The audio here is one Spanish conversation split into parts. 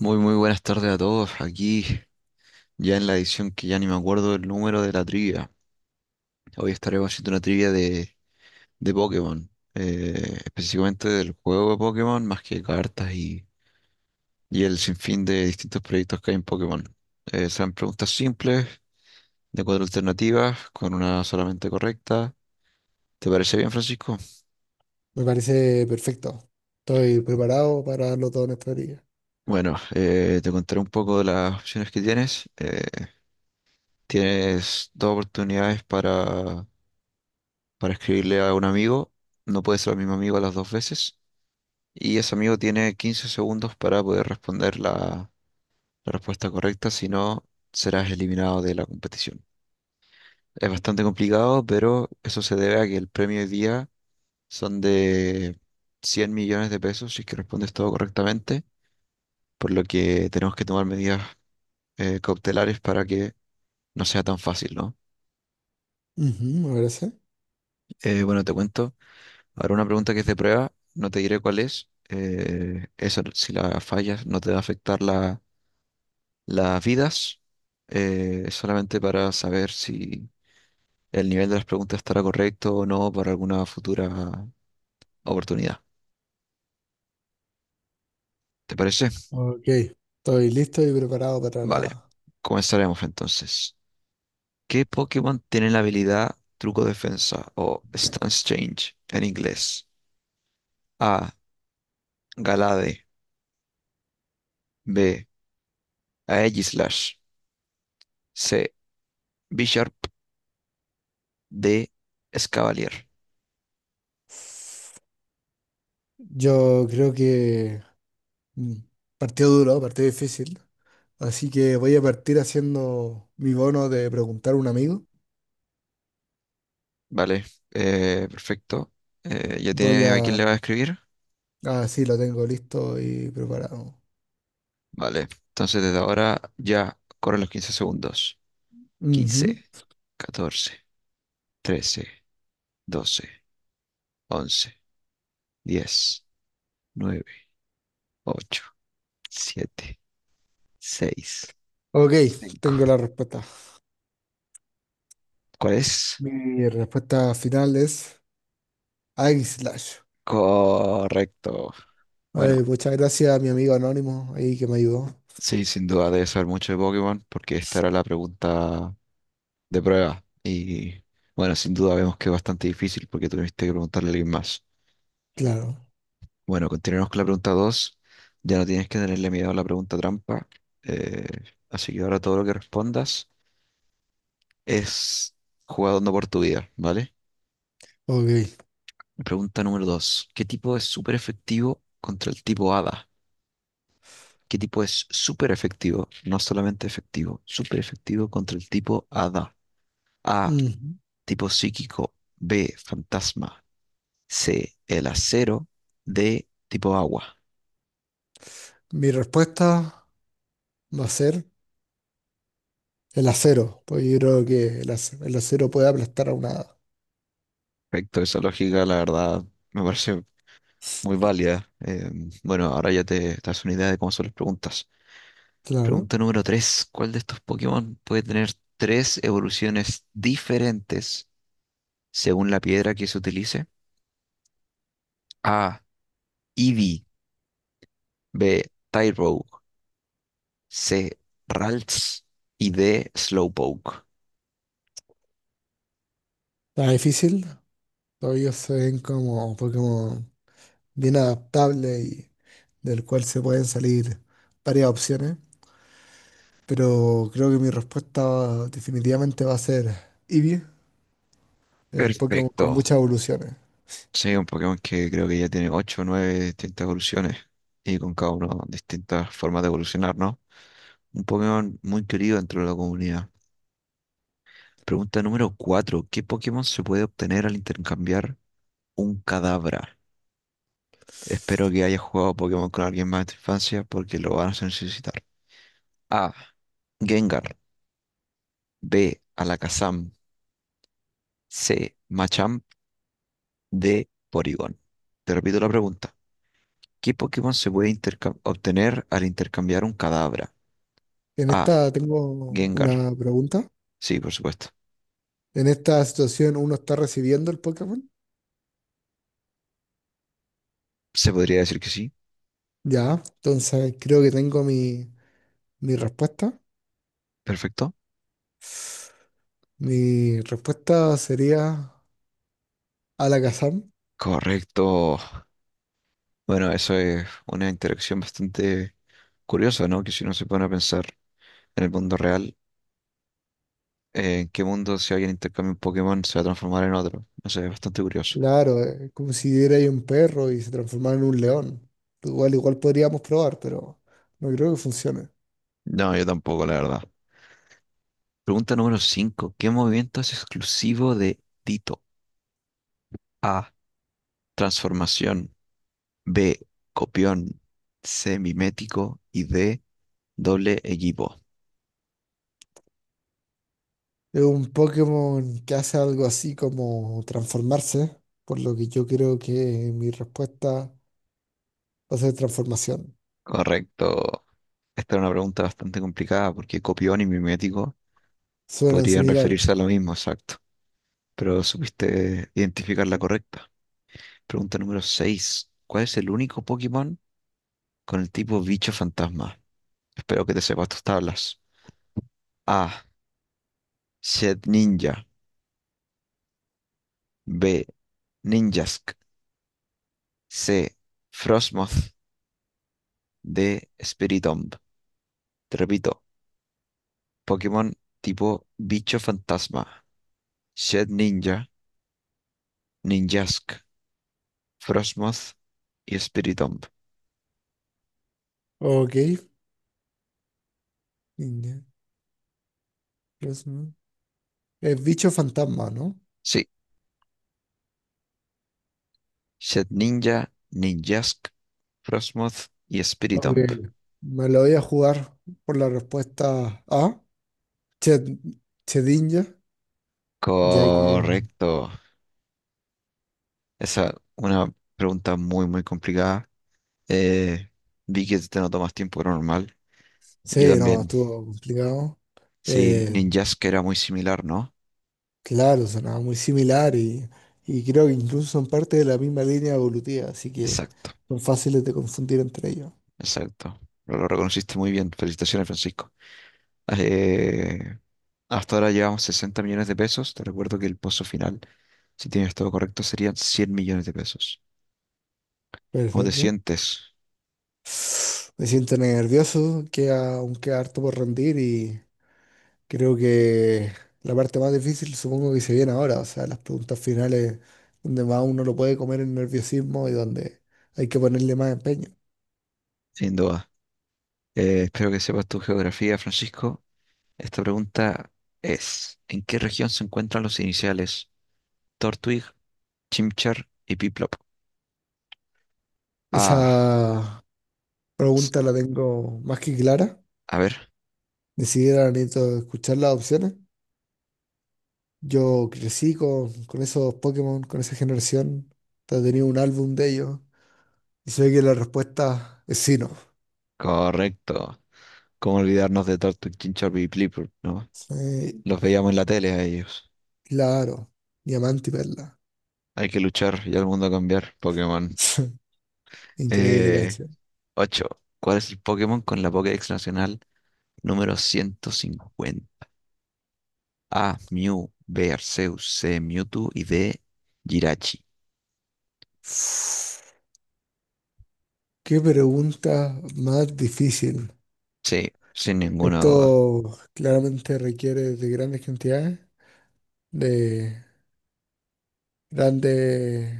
Muy, muy buenas tardes a todos. Aquí ya en la edición que ya ni me acuerdo del número de la trivia. Hoy estaremos haciendo una trivia de Pokémon, específicamente del juego de Pokémon, más que cartas y el sinfín de distintos proyectos que hay en Pokémon. Serán preguntas simples, de cuatro alternativas, con una solamente correcta. ¿Te parece bien, Francisco? Me parece perfecto. Estoy preparado para darlo todo en esta liga. Bueno, te contaré un poco de las opciones que tienes. Tienes dos oportunidades para escribirle a un amigo. No puede ser el mismo amigo las dos veces. Y ese amigo tiene 15 segundos para poder responder la respuesta correcta, si no, serás eliminado de la competición. Es bastante complicado, pero eso se debe a que el premio hoy día son de 100 millones de pesos si es que respondes todo correctamente, por lo que tenemos que tomar medidas cautelares para que no sea tan fácil, ¿no? Ujú, me parece. Bueno, te cuento. Ahora una pregunta que es de prueba, no te diré cuál es. Esa, si la fallas, no te va a afectar las vidas. Es solamente para saber si el nivel de las preguntas estará correcto o no para alguna futura oportunidad. ¿Te parece? Ok. Estoy listo y preparado para Vale, la— comenzaremos entonces. ¿Qué Pokémon tiene la habilidad Truco Defensa o Stance Change en inglés? A. Galade. B. Aegislash. C. Bisharp. D. Escavalier. Yo creo que mm, partido duro, partido difícil. Así que voy a partir haciendo mi bono de preguntar a un amigo. Vale, perfecto. ¿Ya Voy tienes a quién a— le va a escribir? Ah, sí, lo tengo listo y preparado. Vale, entonces desde ahora ya corren los 15 segundos. Ujú. 15, 14, 13, 12, 11, 10, 9, 8, 7, 6, Ok, 5. tengo la respuesta. ¿Cuál es? Mi respuesta final es Slash. Correcto. Ay, Bueno, muchas gracias a mi amigo anónimo ahí que me ayudó. sí, sin duda debes saber mucho de Pokémon porque esta era la pregunta de prueba. Y bueno, sin duda vemos que es bastante difícil porque tuviste que preguntarle a alguien más. Claro, Bueno, continuemos con la pregunta dos. Ya no tienes que tenerle miedo a la pregunta trampa. eh, Así que ahora todo lo que respondas es jugando por tu vida, ¿vale? ok. Pregunta número 2: ¿Qué tipo es súper efectivo contra el tipo hada? ¿Qué tipo es súper efectivo? No solamente efectivo, súper efectivo contra el tipo hada. A, Ujú. tipo psíquico. B, fantasma. C, el acero. D, tipo agua. Mi respuesta va a ser el acero, pues yo creo que el acero puede aplastar a una hada. Perfecto, esa lógica, la verdad, me parece muy válida. Bueno, ahora ya te das una idea de cómo son las preguntas. Claro. Pregunta número tres. ¿Cuál de estos Pokémon puede tener tres evoluciones diferentes según la piedra que se utilice? A. Eevee. B. Tyrogue. C. Ralts. Y D. Slowpoke. Está difícil, todavía ellos se ven como Pokémon bien adaptable y del cual se pueden salir varias opciones, pero creo que mi respuesta definitivamente va a ser Eevee, el Pokémon con Perfecto. muchas evoluciones. Sí, un Pokémon que creo que ya tiene 8 o 9 distintas evoluciones y con cada uno distintas formas de evolucionar, ¿no? Un Pokémon muy querido dentro de la comunidad. Pregunta número 4. ¿Qué Pokémon se puede obtener al intercambiar un cadabra? Espero que hayas jugado Pokémon con alguien más de tu infancia porque lo vas a necesitar. A. Gengar. B. Alakazam. C. Machamp. D. Porygon. Te repito la pregunta. ¿Qué Pokémon se puede obtener al intercambiar un cadabra? En A. esta tengo Gengar. una pregunta. Sí, por supuesto. En esta situación uno está recibiendo el Pokémon. Se podría decir que sí. Ya, entonces creo que tengo mi respuesta. Perfecto. Mi respuesta sería Alakazam. Correcto. Bueno, eso es una interacción bastante curiosa, ¿no? Que si uno se pone a pensar en el mundo real, ¿en qué mundo si alguien intercambia un Pokémon se va a transformar en otro? No sé, es bastante curioso. Claro, como si era ahí un perro y se transformara en un león. Igual, igual podríamos probar, pero no creo que funcione. No, yo tampoco, la verdad. Pregunta número cinco. ¿Qué movimiento es exclusivo de Tito? A. Transformación. B. Copión. C. Mimético. Y D. Doble equipo. Es un Pokémon que hace algo así como transformarse, por lo que yo creo que mi respuesta va a ser transformación. Correcto. Esta era una pregunta bastante complicada porque copión y mimético Suenan podrían similares. referirse a lo mismo, exacto, pero supiste identificar la correcta. Pregunta número 6. ¿Cuál es el único Pokémon con el tipo bicho fantasma? Espero que te sepas tus tablas. A. Shed Ninja. B. Ninjask. C. Frostmoth. D. Spiritomb. Te repito, Pokémon tipo bicho fantasma. Shed Ninja, Ninjask, Frostmoth y Spiritomb. Ok. Niña, los- Es bicho fantasma, ¿no? Sí, Shed Ninja, Ninjask, Frostmoth y Ok, Spiritomb. me lo voy a jugar por la respuesta A, Ched- Chedinja, ya que Correcto. Esa es una pregunta muy, muy complicada. Eh, Vi que te notó más tiempo que normal. Yo sí, no, también. estuvo complicado. Sí, Eh, que era muy similar, ¿no? claro, sonaba muy similar y creo que incluso son parte de la misma línea evolutiva, así que Exacto, son fáciles de confundir entre ellos. exacto. Lo reconociste muy bien. Felicitaciones, Francisco. Eh, Hasta ahora llevamos 60 millones de pesos. Te recuerdo que el pozo final, si tienes todo correcto, serían 100 millones de pesos. ¿Cómo te Perfecto. sientes? Me siento nervioso, queda harto por rendir. Y creo que la parte más difícil supongo que se viene ahora, o sea, las preguntas finales donde más uno lo puede comer el nerviosismo y donde hay que ponerle más empeño. Sin duda. Espero que sepas tu geografía, Francisco. Esta pregunta es, ¿en qué región se encuentran los iniciales Tortwig, Chimchar y Piplop? Ah, Esa s- pregunta la tengo más que clara, a ver, ni siquiera necesito escuchar las opciones. Yo crecí con esos Pokémon, con esa generación, hasta tenía un álbum de ellos y sé que la respuesta es sí, no. correcto. ¿Cómo olvidarnos de Tortwig, Chimchar y Piplop, no? Sí, Los veíamos en la tele a ellos. claro, Diamante y Perla. Hay que luchar y al mundo cambiar, Pokémon. Increíble Eh, canción. 8. ¿Cuál es el Pokémon con la Pokédex nacional número 150? A, Mew, B, Arceus, C, Mewtwo y D, Jirachi. Qué pregunta más difícil. Sin ninguna duda. Esto claramente requiere de grandes cantidades, de grandes,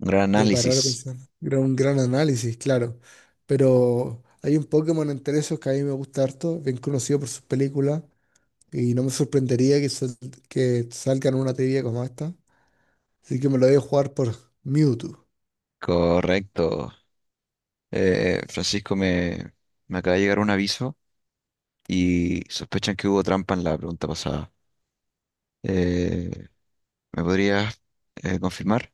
Un gran de parar análisis. a pensar, un gran análisis, claro. Pero hay un Pokémon entre esos que a mí me gusta harto, bien conocido por sus películas, y no me sorprendería que salgan una teoría como esta. Así que me lo voy a jugar por Mewtwo. Correcto. Francisco, me acaba de llegar un aviso y sospechan que hubo trampa en la pregunta pasada. Eh, ¿Me podrías confirmar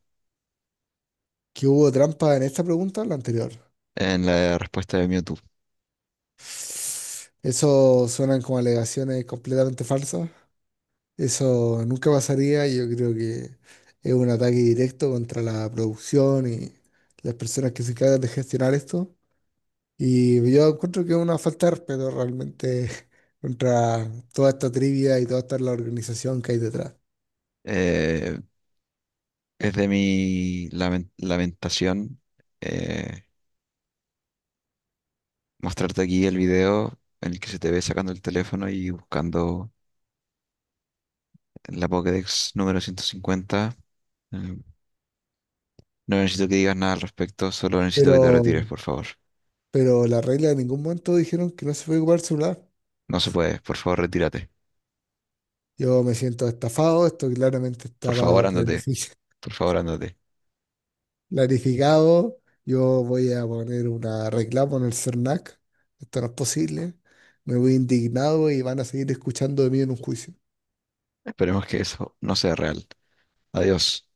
¿Que hubo trampa en esta pregunta o la anterior? en la respuesta de Mewtwo? Eso suenan como alegaciones completamente falsas. Eso nunca pasaría. Yo creo que es un ataque directo contra la producción y las personas que se encargan de gestionar esto. Y yo encuentro que es una falta de respeto realmente contra toda esta trivia y toda esta la organización que hay detrás. Eh, es de mi lamentación eh, mostrarte aquí el video en el que se te ve sacando el teléfono y buscando en la Pokédex número 150. Eh, no necesito que digas nada al respecto, solo necesito Pero, que te retires, por favor. pero la regla en ningún momento dijeron que no se puede ocupar el celular. No se puede, por favor, retírate. Yo me siento estafado, esto claramente Por favor, estaba ándate. planificado. Por favor, ándate. Planificado, yo voy a poner una reclamo en el CERNAC. Esto no es posible. Me voy indignado y van a seguir escuchando de mí en un juicio. Esperemos que eso no sea real. Adiós.